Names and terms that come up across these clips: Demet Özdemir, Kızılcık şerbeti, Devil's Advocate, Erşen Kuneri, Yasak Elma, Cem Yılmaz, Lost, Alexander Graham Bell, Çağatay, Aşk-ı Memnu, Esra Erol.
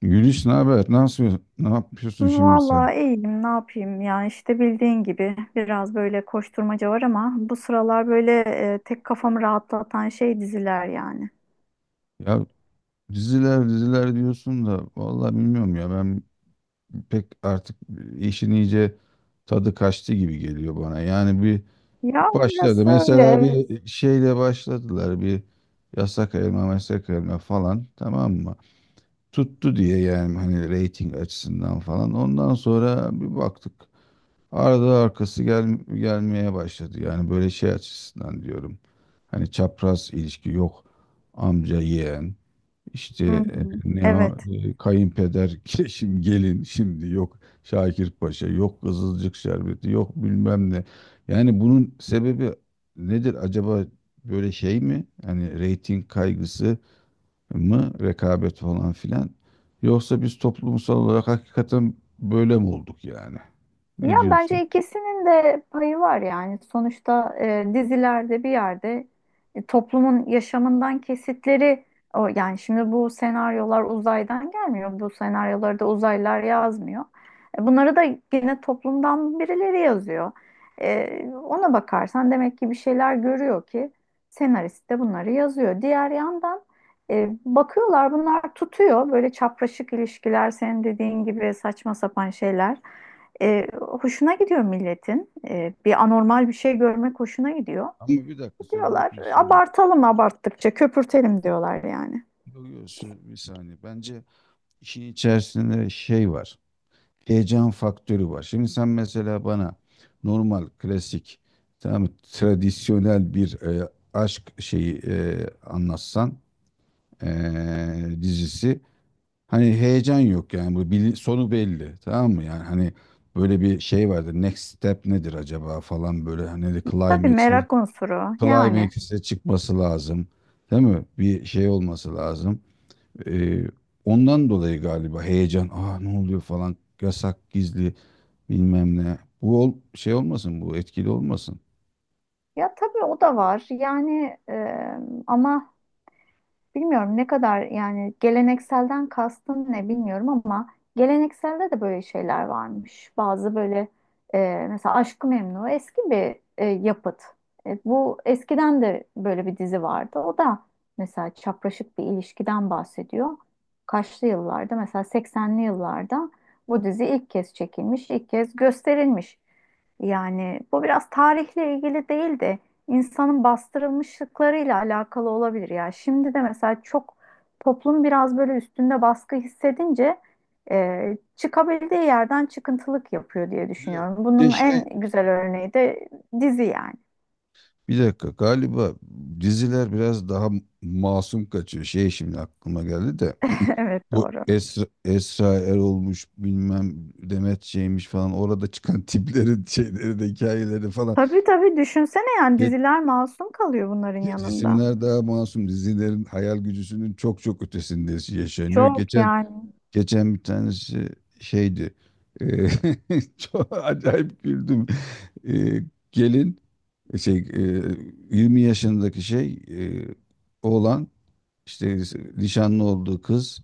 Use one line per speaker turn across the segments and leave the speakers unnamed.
Güliş ne haber? Nasıl yapıyorsun? Ne yapıyorsun şimdi sen?
Vallahi iyiyim, ne yapayım ya işte bildiğin gibi biraz böyle koşturmaca var ama bu sıralar böyle tek kafamı rahatlatan şey diziler yani.
Ya diziler diziler diyorsun da vallahi bilmiyorum ya ben pek artık işin iyice tadı kaçtı gibi geliyor bana. Yani bir
Ya
başladı.
orası öyle,
Mesela
evet.
bir şeyle başladılar bir yasak elma meslek elma falan, tamam mı? Tuttu diye yani hani reyting açısından falan. Ondan sonra bir baktık. Arada arkası gelmeye başladı. Yani böyle şey açısından diyorum. Hani çapraz ilişki yok. Amca yeğen. İşte
Hı hı,
ne
evet.
o kayınpeder şimdi gelin şimdi yok, Şakir Paşa yok, Kızılcık şerbeti yok, bilmem ne. Yani bunun sebebi nedir acaba, böyle şey mi? Hani reyting kaygısı mı, rekabet falan filan, yoksa biz toplumsal olarak hakikaten böyle mi olduk yani?
Ya
Ne diyorsun?
bence ikisinin de payı var yani. Sonuçta dizilerde bir yerde toplumun yaşamından kesitleri o, yani şimdi bu senaryolar uzaydan gelmiyor. Bu senaryoları da uzaylılar yazmıyor. Bunları da yine toplumdan birileri yazıyor. Ona bakarsan demek ki bir şeyler görüyor ki senarist de bunları yazıyor. Diğer yandan bakıyorlar bunlar tutuyor. Böyle çapraşık ilişkiler, senin dediğin gibi saçma sapan şeyler. Hoşuna gidiyor milletin. Bir anormal bir şey görmek hoşuna gidiyor.
Ama bir dakika, sözünü
Diyorlar
kesiyorum.
abartalım, abarttıkça köpürtelim diyorlar yani.
Yok yok, bir saniye. Bence işin içerisinde şey var. Heyecan faktörü var. Şimdi sen mesela bana normal, klasik, tamam mı, tradisyonel bir aşk şeyi anlatsan e, dizisi. Hani heyecan yok yani, bu sonu belli. Tamam mı? Yani hani böyle bir şey vardır. Next step nedir acaba falan, böyle hani
Tabii,
climax
merak unsuru yani.
Playmakers'e çıkması lazım. Değil mi? Bir şey olması lazım. Ee, ondan dolayı galiba heyecan. Ne oluyor falan. Yasak, gizli bilmem ne. Bu şey olmasın, bu etkili olmasın.
Ya tabii o da var yani, ama bilmiyorum ne kadar yani, gelenekselden kastın ne bilmiyorum ama gelenekselde de böyle şeyler varmış. Bazı böyle, mesela Aşk-ı Memnu eski bir yapıt. Bu eskiden de böyle bir dizi vardı. O da mesela çapraşık bir ilişkiden bahsediyor. Kaçlı yıllarda, mesela 80'li yıllarda bu dizi ilk kez çekilmiş, ilk kez gösterilmiş. Yani bu biraz tarihle ilgili değildi, insanın bastırılmışlıklarıyla alakalı olabilir ya. Şimdi de mesela çok toplum biraz böyle üstünde baskı hissedince çıkabildiği yerden çıkıntılık yapıyor diye
Bir de,
düşünüyorum.
bir de
Bunun
şey,
en güzel örneği de dizi yani.
bir dakika, galiba diziler biraz daha masum kaçıyor. Şey, şimdi aklıma geldi de
Evet,
bu
doğru.
Esra Erol'muş, bilmem Demet şeymiş falan, orada çıkan tiplerin şeyleri de hikayeleri falan.
Tabii tabii, düşünsene yani diziler masum kalıyor bunların
Ya
yanında.
cisimler daha masum. Dizilerin hayal gücüsünün çok çok ötesinde yaşanıyor.
Çok
Geçen
yani.
geçen bir tanesi şeydi. Eee, Çok acayip güldüm. Eee, gelin şey, 20 yaşındaki şey, oğlan, işte nişanlı olduğu kız,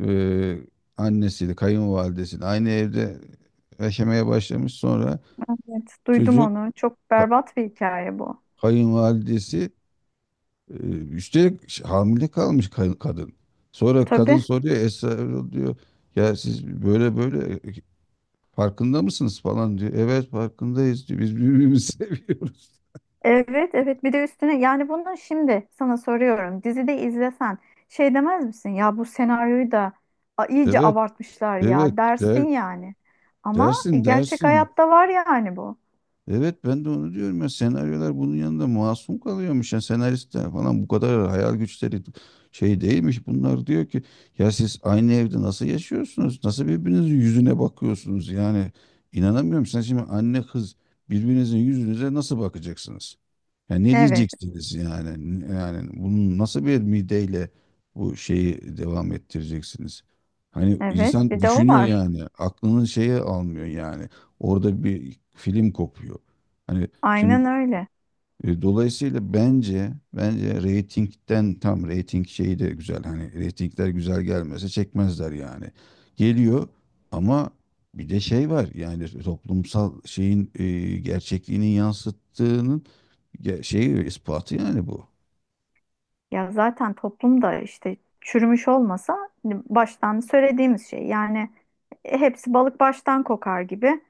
eee annesiyle, kayınvalidesiyle aynı evde yaşamaya başlamış. Sonra
Evet, duydum
çocuk,
onu. Çok
ka-
berbat bir hikaye bu.
kayınvalidesi. Üstelik hamile kalmış kadın. Sonra kadın
Tabii.
soruyor, Esra Erol diyor, ya siz böyle böyle, farkında mısınız falan diyor. Evet farkındayız diyor. Biz birbirimizi seviyoruz.
Evet evet, bir de üstüne yani bunu şimdi sana soruyorum, dizide izlesen şey demez misin ya, bu senaryoyu da a, iyice
Evet
abartmışlar
evet,
ya
der,
dersin yani, ama
dersin
gerçek
dersin.
hayatta var yani bu.
Evet, ben de onu diyorum ya, senaryolar bunun yanında masum kalıyormuş, ya senaristler falan bu kadar hayal güçleri şey değilmiş. Bunlar diyor ki ya siz aynı evde nasıl yaşıyorsunuz? Nasıl birbirinizin yüzüne bakıyorsunuz? Yani inanamıyorum, sen şimdi anne kız birbirinizin yüzünüze nasıl bakacaksınız? Yani ne
Evet
diyeceksiniz yani? Yani bunun nasıl bir mideyle bu şeyi devam ettireceksiniz? Hani
evet,
insan
bir de o
düşünüyor
var,
yani, aklının şeye almıyor yani. Orada bir film kopuyor. Hani şimdi,
aynen öyle.
dolayısıyla bence reytingden, tam reyting şeyi de güzel. Hani reytingler güzel gelmese çekmezler yani. Geliyor ama bir de şey var. Yani toplumsal şeyin, gerçekliğini yansıttığının şeyi, ispatı yani bu.
Ya zaten toplumda işte çürümüş olmasa, hani baştan söylediğimiz şey yani, hepsi balık baştan kokar gibi,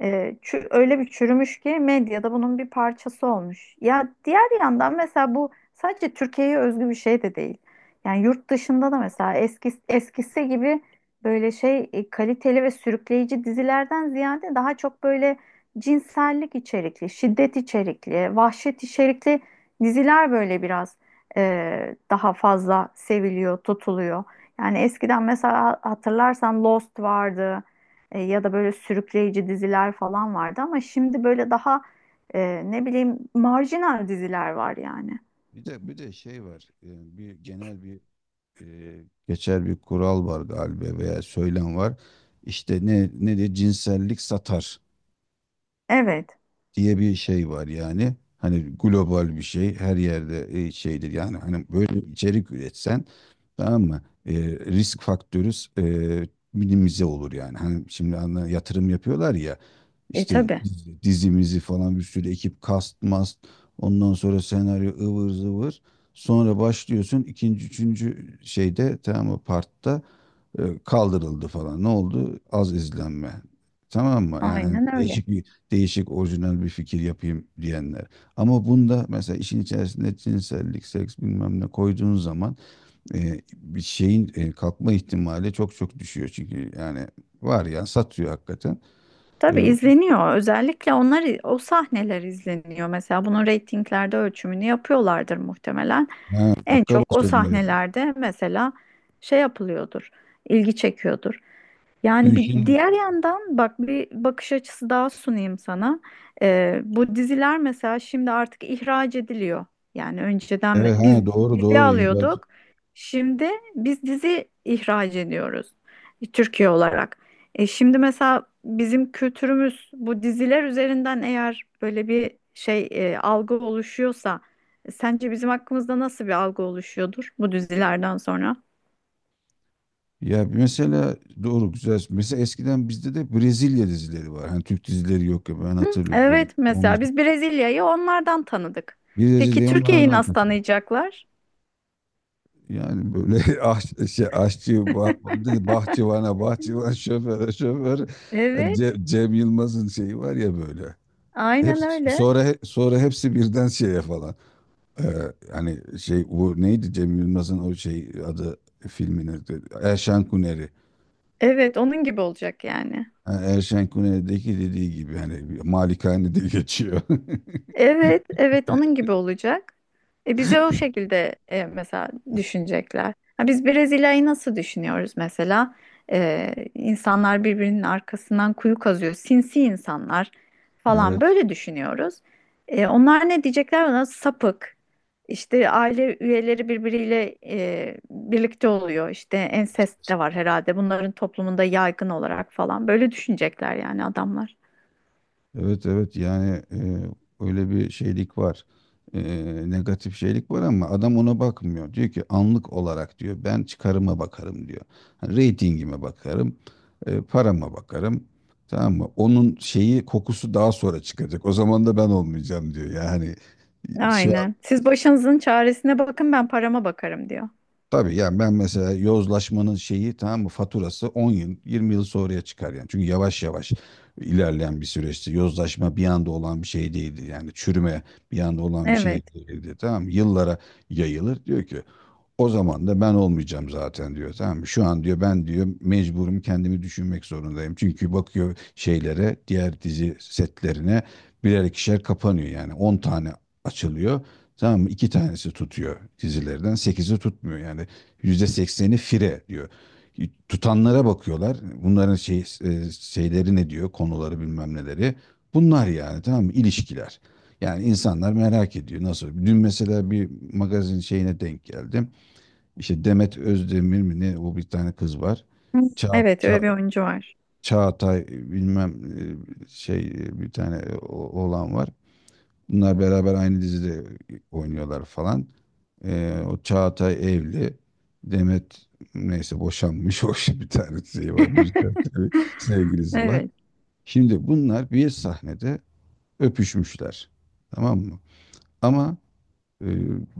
e, öyle bir çürümüş ki medyada bunun bir parçası olmuş. Ya diğer yandan mesela bu sadece Türkiye'ye özgü bir şey de değil. Yani yurt dışında da mesela eski, eskisi gibi böyle şey kaliteli ve sürükleyici dizilerden ziyade daha çok böyle cinsellik içerikli, şiddet içerikli, vahşet içerikli diziler böyle biraz daha fazla seviliyor, tutuluyor. Yani eskiden mesela hatırlarsan Lost vardı, ya da böyle sürükleyici diziler falan vardı, ama şimdi böyle daha ne bileyim marjinal diziler var yani.
Bir de şey var. Bir genel bir, e, geçer bir kural var galiba, veya söylem var. İşte ne ne de cinsellik satar
Evet.
diye bir şey var yani. Hani global bir şey her yerde, şeydir yani, hani böyle bir içerik üretsen tamam mı? Risk faktörü, e, minimize olur yani. Hani şimdi yatırım yapıyorlar ya,
E
işte
tabii.
dizimizi falan, bir sürü ekip kast mast, ondan sonra senaryo ıvır zıvır, sonra başlıyorsun ikinci üçüncü şeyde, tamam mı, partta kaldırıldı falan. Ne oldu? Az izlenme. Tamam mı? Yani hani
Aynen öyle.
değişik orijinal bir fikir yapayım diyenler. Ama bunda mesela işin içerisinde cinsellik, seks bilmem ne koyduğun zaman bir şeyin kalkma ihtimali çok çok düşüyor. Çünkü yani var ya, satıyor hakikaten. E,
Tabii izleniyor. Özellikle onlar, o sahneler izleniyor. Mesela bunun reytinglerde ölçümünü yapıyorlardır muhtemelen.
ha,
En
dakika
çok o
başında,
sahnelerde mesela şey yapılıyordur, ilgi çekiyordur. Yani
dün,
bir
şimdi,
diğer yandan bak, bir bakış açısı daha sunayım sana. Bu diziler mesela şimdi artık ihraç ediliyor. Yani önceden
evet,
biz
doğru
dizi
doğru, ihraç.
alıyorduk. Şimdi biz dizi ihraç ediyoruz, Türkiye olarak. Şimdi mesela bizim kültürümüz bu diziler üzerinden eğer böyle bir şey algı oluşuyorsa, sence bizim hakkımızda nasıl bir algı oluşuyordur bu dizilerden sonra?
Ya mesela, doğru, güzel. Mesela eskiden bizde de Brezilya dizileri var. Hani Türk dizileri yok ya, ben
Hı,
hatırlıyorum.
evet, mesela biz Brezilya'yı onlardan tanıdık.
Bir
Peki
de
Türkiye'yi
onlardan
nasıl
kaçın.
tanıyacaklar?
Yani böyle şey, aşçı, dedi, bahçıvana, bahçıvan, şoföre, şoför. Yani
Evet,
Cem, Yılmaz'ın şeyi var ya böyle.
aynen
Hepsi,
öyle.
sonra hepsi birden şeye falan. Ee, Hani şey, bu neydi Cem Yılmaz'ın o şey adı, filmin? Erşen Kuneri.
Evet, onun gibi olacak yani.
Ha, Erşen Kuneri'deki dediği gibi, hani bir malikanede geçiyor.
Evet, evet, onun gibi olacak. Bize o şekilde mesela düşünecekler. Ha, biz Brezilya'yı nasıl düşünüyoruz mesela? İnsanlar birbirinin arkasından kuyu kazıyor, sinsi insanlar falan
Evet.
böyle düşünüyoruz. Onlar ne diyecekler ona? Sapık. İşte aile üyeleri birbiriyle birlikte oluyor. İşte ensest de var herhalde. Bunların toplumunda yaygın olarak falan böyle düşünecekler yani adamlar.
Evet evet yani, öyle bir şeylik var. E, Negatif şeylik var ama adam ona bakmıyor. Diyor ki anlık olarak diyor, ben çıkarıma bakarım diyor. Hani reytingime bakarım, parama bakarım. Tamam mı? Onun şeyi, kokusu daha sonra çıkacak. O zaman da ben olmayacağım diyor. Yani şu,
Aynen. Siz başınızın çaresine bakın, ben parama bakarım diyor.
tabii, yani ben mesela yozlaşmanın şeyi, tamam mı, faturası 10 yıl 20 yıl sonraya çıkar yani. Çünkü yavaş yavaş ilerleyen bir süreçti. Yozlaşma bir anda olan bir şey değildi. Yani çürüme bir anda olan bir şey
Evet.
değildi. Tamam mı? Yıllara yayılır. Diyor ki o zaman da ben olmayacağım zaten diyor. Tamam mı? Şu an diyor, ben diyor mecburum, kendimi düşünmek zorundayım. Çünkü bakıyor şeylere, diğer dizi setlerine, birer ikişer kapanıyor yani. 10 tane açılıyor. Tamam mı? 2 tanesi tutuyor dizilerden, 8'i tutmuyor yani. %80'i fire diyor. Tutanlara bakıyorlar. Bunların şey, şeyleri ne diyor? Konuları, bilmem neleri. Bunlar yani, tamam mı, İlişkiler. Yani insanlar merak ediyor nasıl. Dün mesela bir magazin şeyine denk geldim. İşte Demet Özdemir mi ne, o bir tane kız var.
Hı,
Ça
evet, öyle
Ça
bir oyuncu var.
Çağatay bilmem, şey, bir tane oğlan var. Bunlar beraber aynı dizide oynuyorlar falan. O Çağatay evli. Demet neyse boşanmış. Hoş, bir tane şey var. Müzisyen bir sevgilisi var.
Evet.
Şimdi bunlar bir sahnede öpüşmüşler. Tamam mı? Ama e,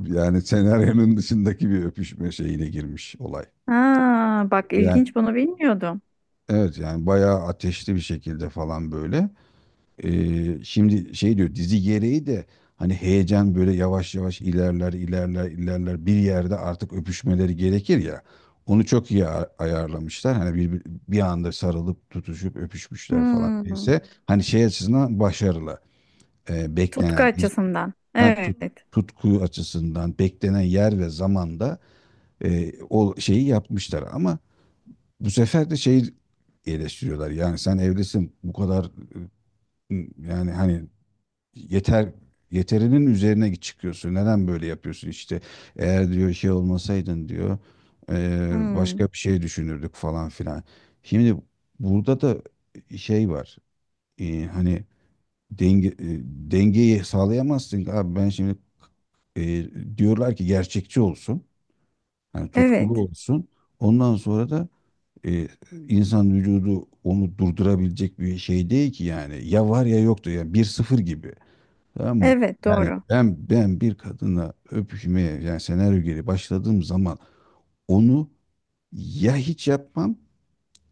yani senaryonun dışındaki bir öpüşme şeyine girmiş olay.
Ha, bak
Yani,
ilginç, bunu bilmiyordum.
evet, yani bayağı ateşli bir şekilde falan böyle. Şimdi şey diyor, dizi gereği de hani heyecan böyle yavaş yavaş ilerler ilerler ilerler, bir yerde artık öpüşmeleri gerekir ya. Onu çok iyi ayarlamışlar. Hani bir anda sarılıp tutuşup öpüşmüşler falan.
Hmm.
Neyse, hani şey açısından başarılı.
Tutku
Beklenen iz-
açısından.
ha, tut-
Evet.
tutku açısından, beklenen yer ve zamanda o şeyi yapmışlar. Ama bu sefer de şey, eleştiriyorlar. Yani sen evlisin, bu kadar, yani hani yeter yeterinin üzerine çıkıyorsun. Neden böyle yapıyorsun işte? Eğer diyor şey olmasaydın diyor,
Hmm.
başka bir şey düşünürdük falan filan. Şimdi burada da şey var. Hani denge, dengeyi sağlayamazsın ki. Abi ben şimdi, diyorlar ki gerçekçi olsun. Hani tutkulu
Evet.
olsun. Ondan sonra da e, insan vücudu onu durdurabilecek bir şey değil ki yani. Ya var ya yoktu yani, 1-0 gibi. Tamam mı?
Evet
Yani
doğru.
ben bir kadına öpüşmeye, yani senaryo geri başladığım zaman onu ya hiç yapmam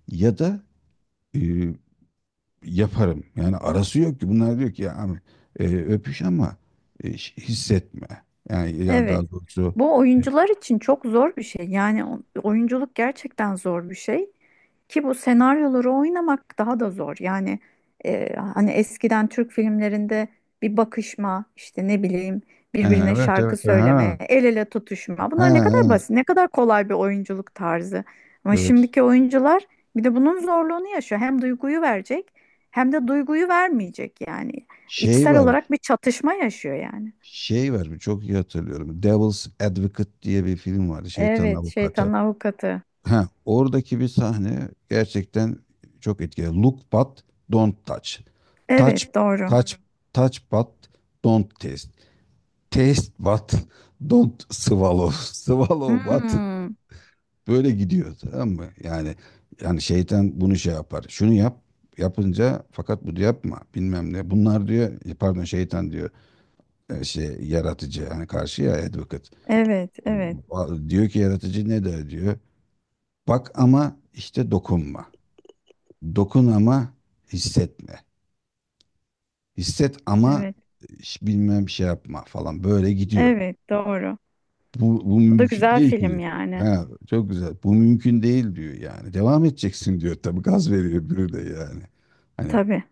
ya da e, yaparım. Yani arası yok ki. Bunlar diyor ki ya abi, öpüş ama, hissetme. Yani
Evet.
daha doğrusu,
Bu
e,
oyuncular için çok zor bir şey. Yani oyunculuk gerçekten zor bir şey ki bu senaryoları oynamak daha da zor. Yani hani eskiden Türk filmlerinde bir bakışma, işte ne bileyim, birbirine
evet
şarkı
evet, ha, ha,
söyleme, el ele tutuşma. Bunlar ne kadar
ha,
basit, ne kadar kolay bir oyunculuk tarzı. Ama
evet,
şimdiki oyuncular bir de bunun zorluğunu yaşıyor. Hem duyguyu verecek hem de duyguyu vermeyecek yani.
şey
İçsel
var.
olarak bir çatışma yaşıyor yani.
Şey var, çok iyi hatırlıyorum. Devil's Advocate diye bir film vardı. Şeytanın
Evet, şeytanın
avukatı.
avukatı.
Ha, oradaki bir sahne gerçekten çok etkili. Look but don't touch. Touch,
Evet, doğru.
touch, touch but don't taste. Taste but don't swallow. Swallow but,
Hmm,
böyle gidiyor, tamam mı? Yani şeytan bunu şey yapar. Şunu yap, yapınca fakat bunu yapma bilmem ne. Bunlar diyor, pardon şeytan diyor, şey, yaratıcı yani karşı, ya advocate.
evet,
E,
evet,
Diyor ki yaratıcı ne der diyor. Bak ama işte dokunma. Dokun ama hissetme. Hisset ama
evet,
hiç bilmem şey yapma falan, böyle gidiyor.
evet, doğru.
Bu
Bu da
mümkün
güzel
değil
film
ki.
yani.
Ha, çok güzel. Bu mümkün değil diyor yani. Devam edeceksin diyor. Tabii gaz veriyor öbürü de yani. Hani
Tabii,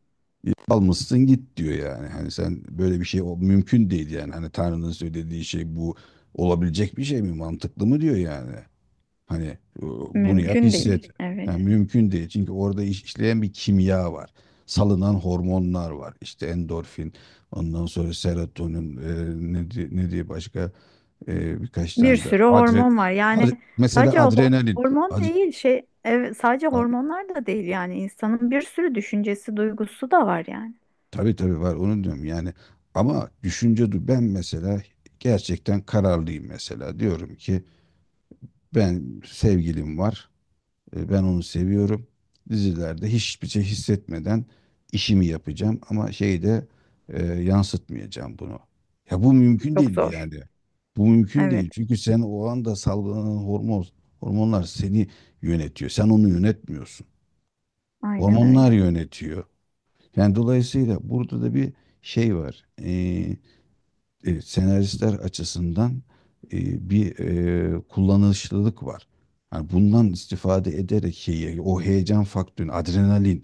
almışsın git diyor yani. Hani sen böyle bir şey, o mümkün değil yani. Hani Tanrı'nın söylediği şey bu, olabilecek bir şey mi? Mantıklı mı diyor yani. Hani e, bunu yap,
mümkün değil.
hisset.
Evet.
Yani mümkün değil. Çünkü orada işleyen bir kimya var. Salınan hormonlar var. İşte endorfin, ondan sonra serotonin, ne diye başka birkaç
Bir
tane de
sürü hormon var. Yani
mesela
sadece
adrenalin.
hormon
Ad,
değil, şey, evet, sadece
a-
hormonlar da değil yani. İnsanın bir sürü düşüncesi, duygusu da var yani.
tabii tabii var, onu diyorum yani. Ama düşünce ben mesela gerçekten kararlıyım mesela. Diyorum ki ben, sevgilim var. Ben onu seviyorum. Dizilerde hiçbir şey hissetmeden işimi yapacağım, ama şeyde yansıtmayacağım bunu. Ya bu mümkün
Çok
değil
zor.
yani. Bu mümkün
Evet,
değil. Çünkü sen o anda salgılanan hormonlar seni yönetiyor. Sen onu yönetmiyorsun.
aynen
Hormonlar
öyle.
yönetiyor. Yani dolayısıyla burada da bir şey var. Senaristler açısından bir kullanışlılık var. Yani bundan istifade ederek şeyi, o heyecan faktörü, adrenalin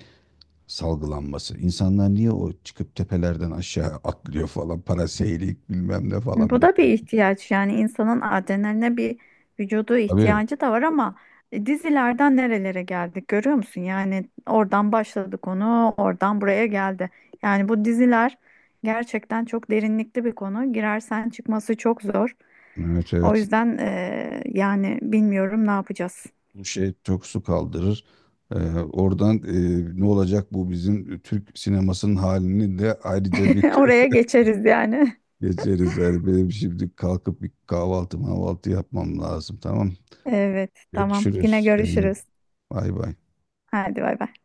salgılanması. İnsanlar niye o çıkıp tepelerden aşağı atlıyor falan, paraseylik bilmem ne falan
Bu da bir
böyle.
ihtiyaç yani, insanın adrenaline bir vücudu
Tabii,
ihtiyacı da var, ama dizilerden nerelere geldik görüyor musun? Yani oradan başladık, onu oradan buraya geldi. Yani bu diziler gerçekten çok derinlikli bir konu. Girersen çıkması çok zor.
evet
O
evet.
yüzden yani bilmiyorum ne yapacağız.
Bu şey çok su kaldırır. Oradan, ne olacak bu bizim Türk sinemasının halini de ayrıca bir
Oraya geçeriz yani.
geçeriz. Yani benim şimdi kalkıp bir kahvaltı mahvaltı yapmam lazım, tamam.
Evet, tamam. Yine
Görüşürüz. Kendin.
görüşürüz.
Bay bay.
Hadi bay bay.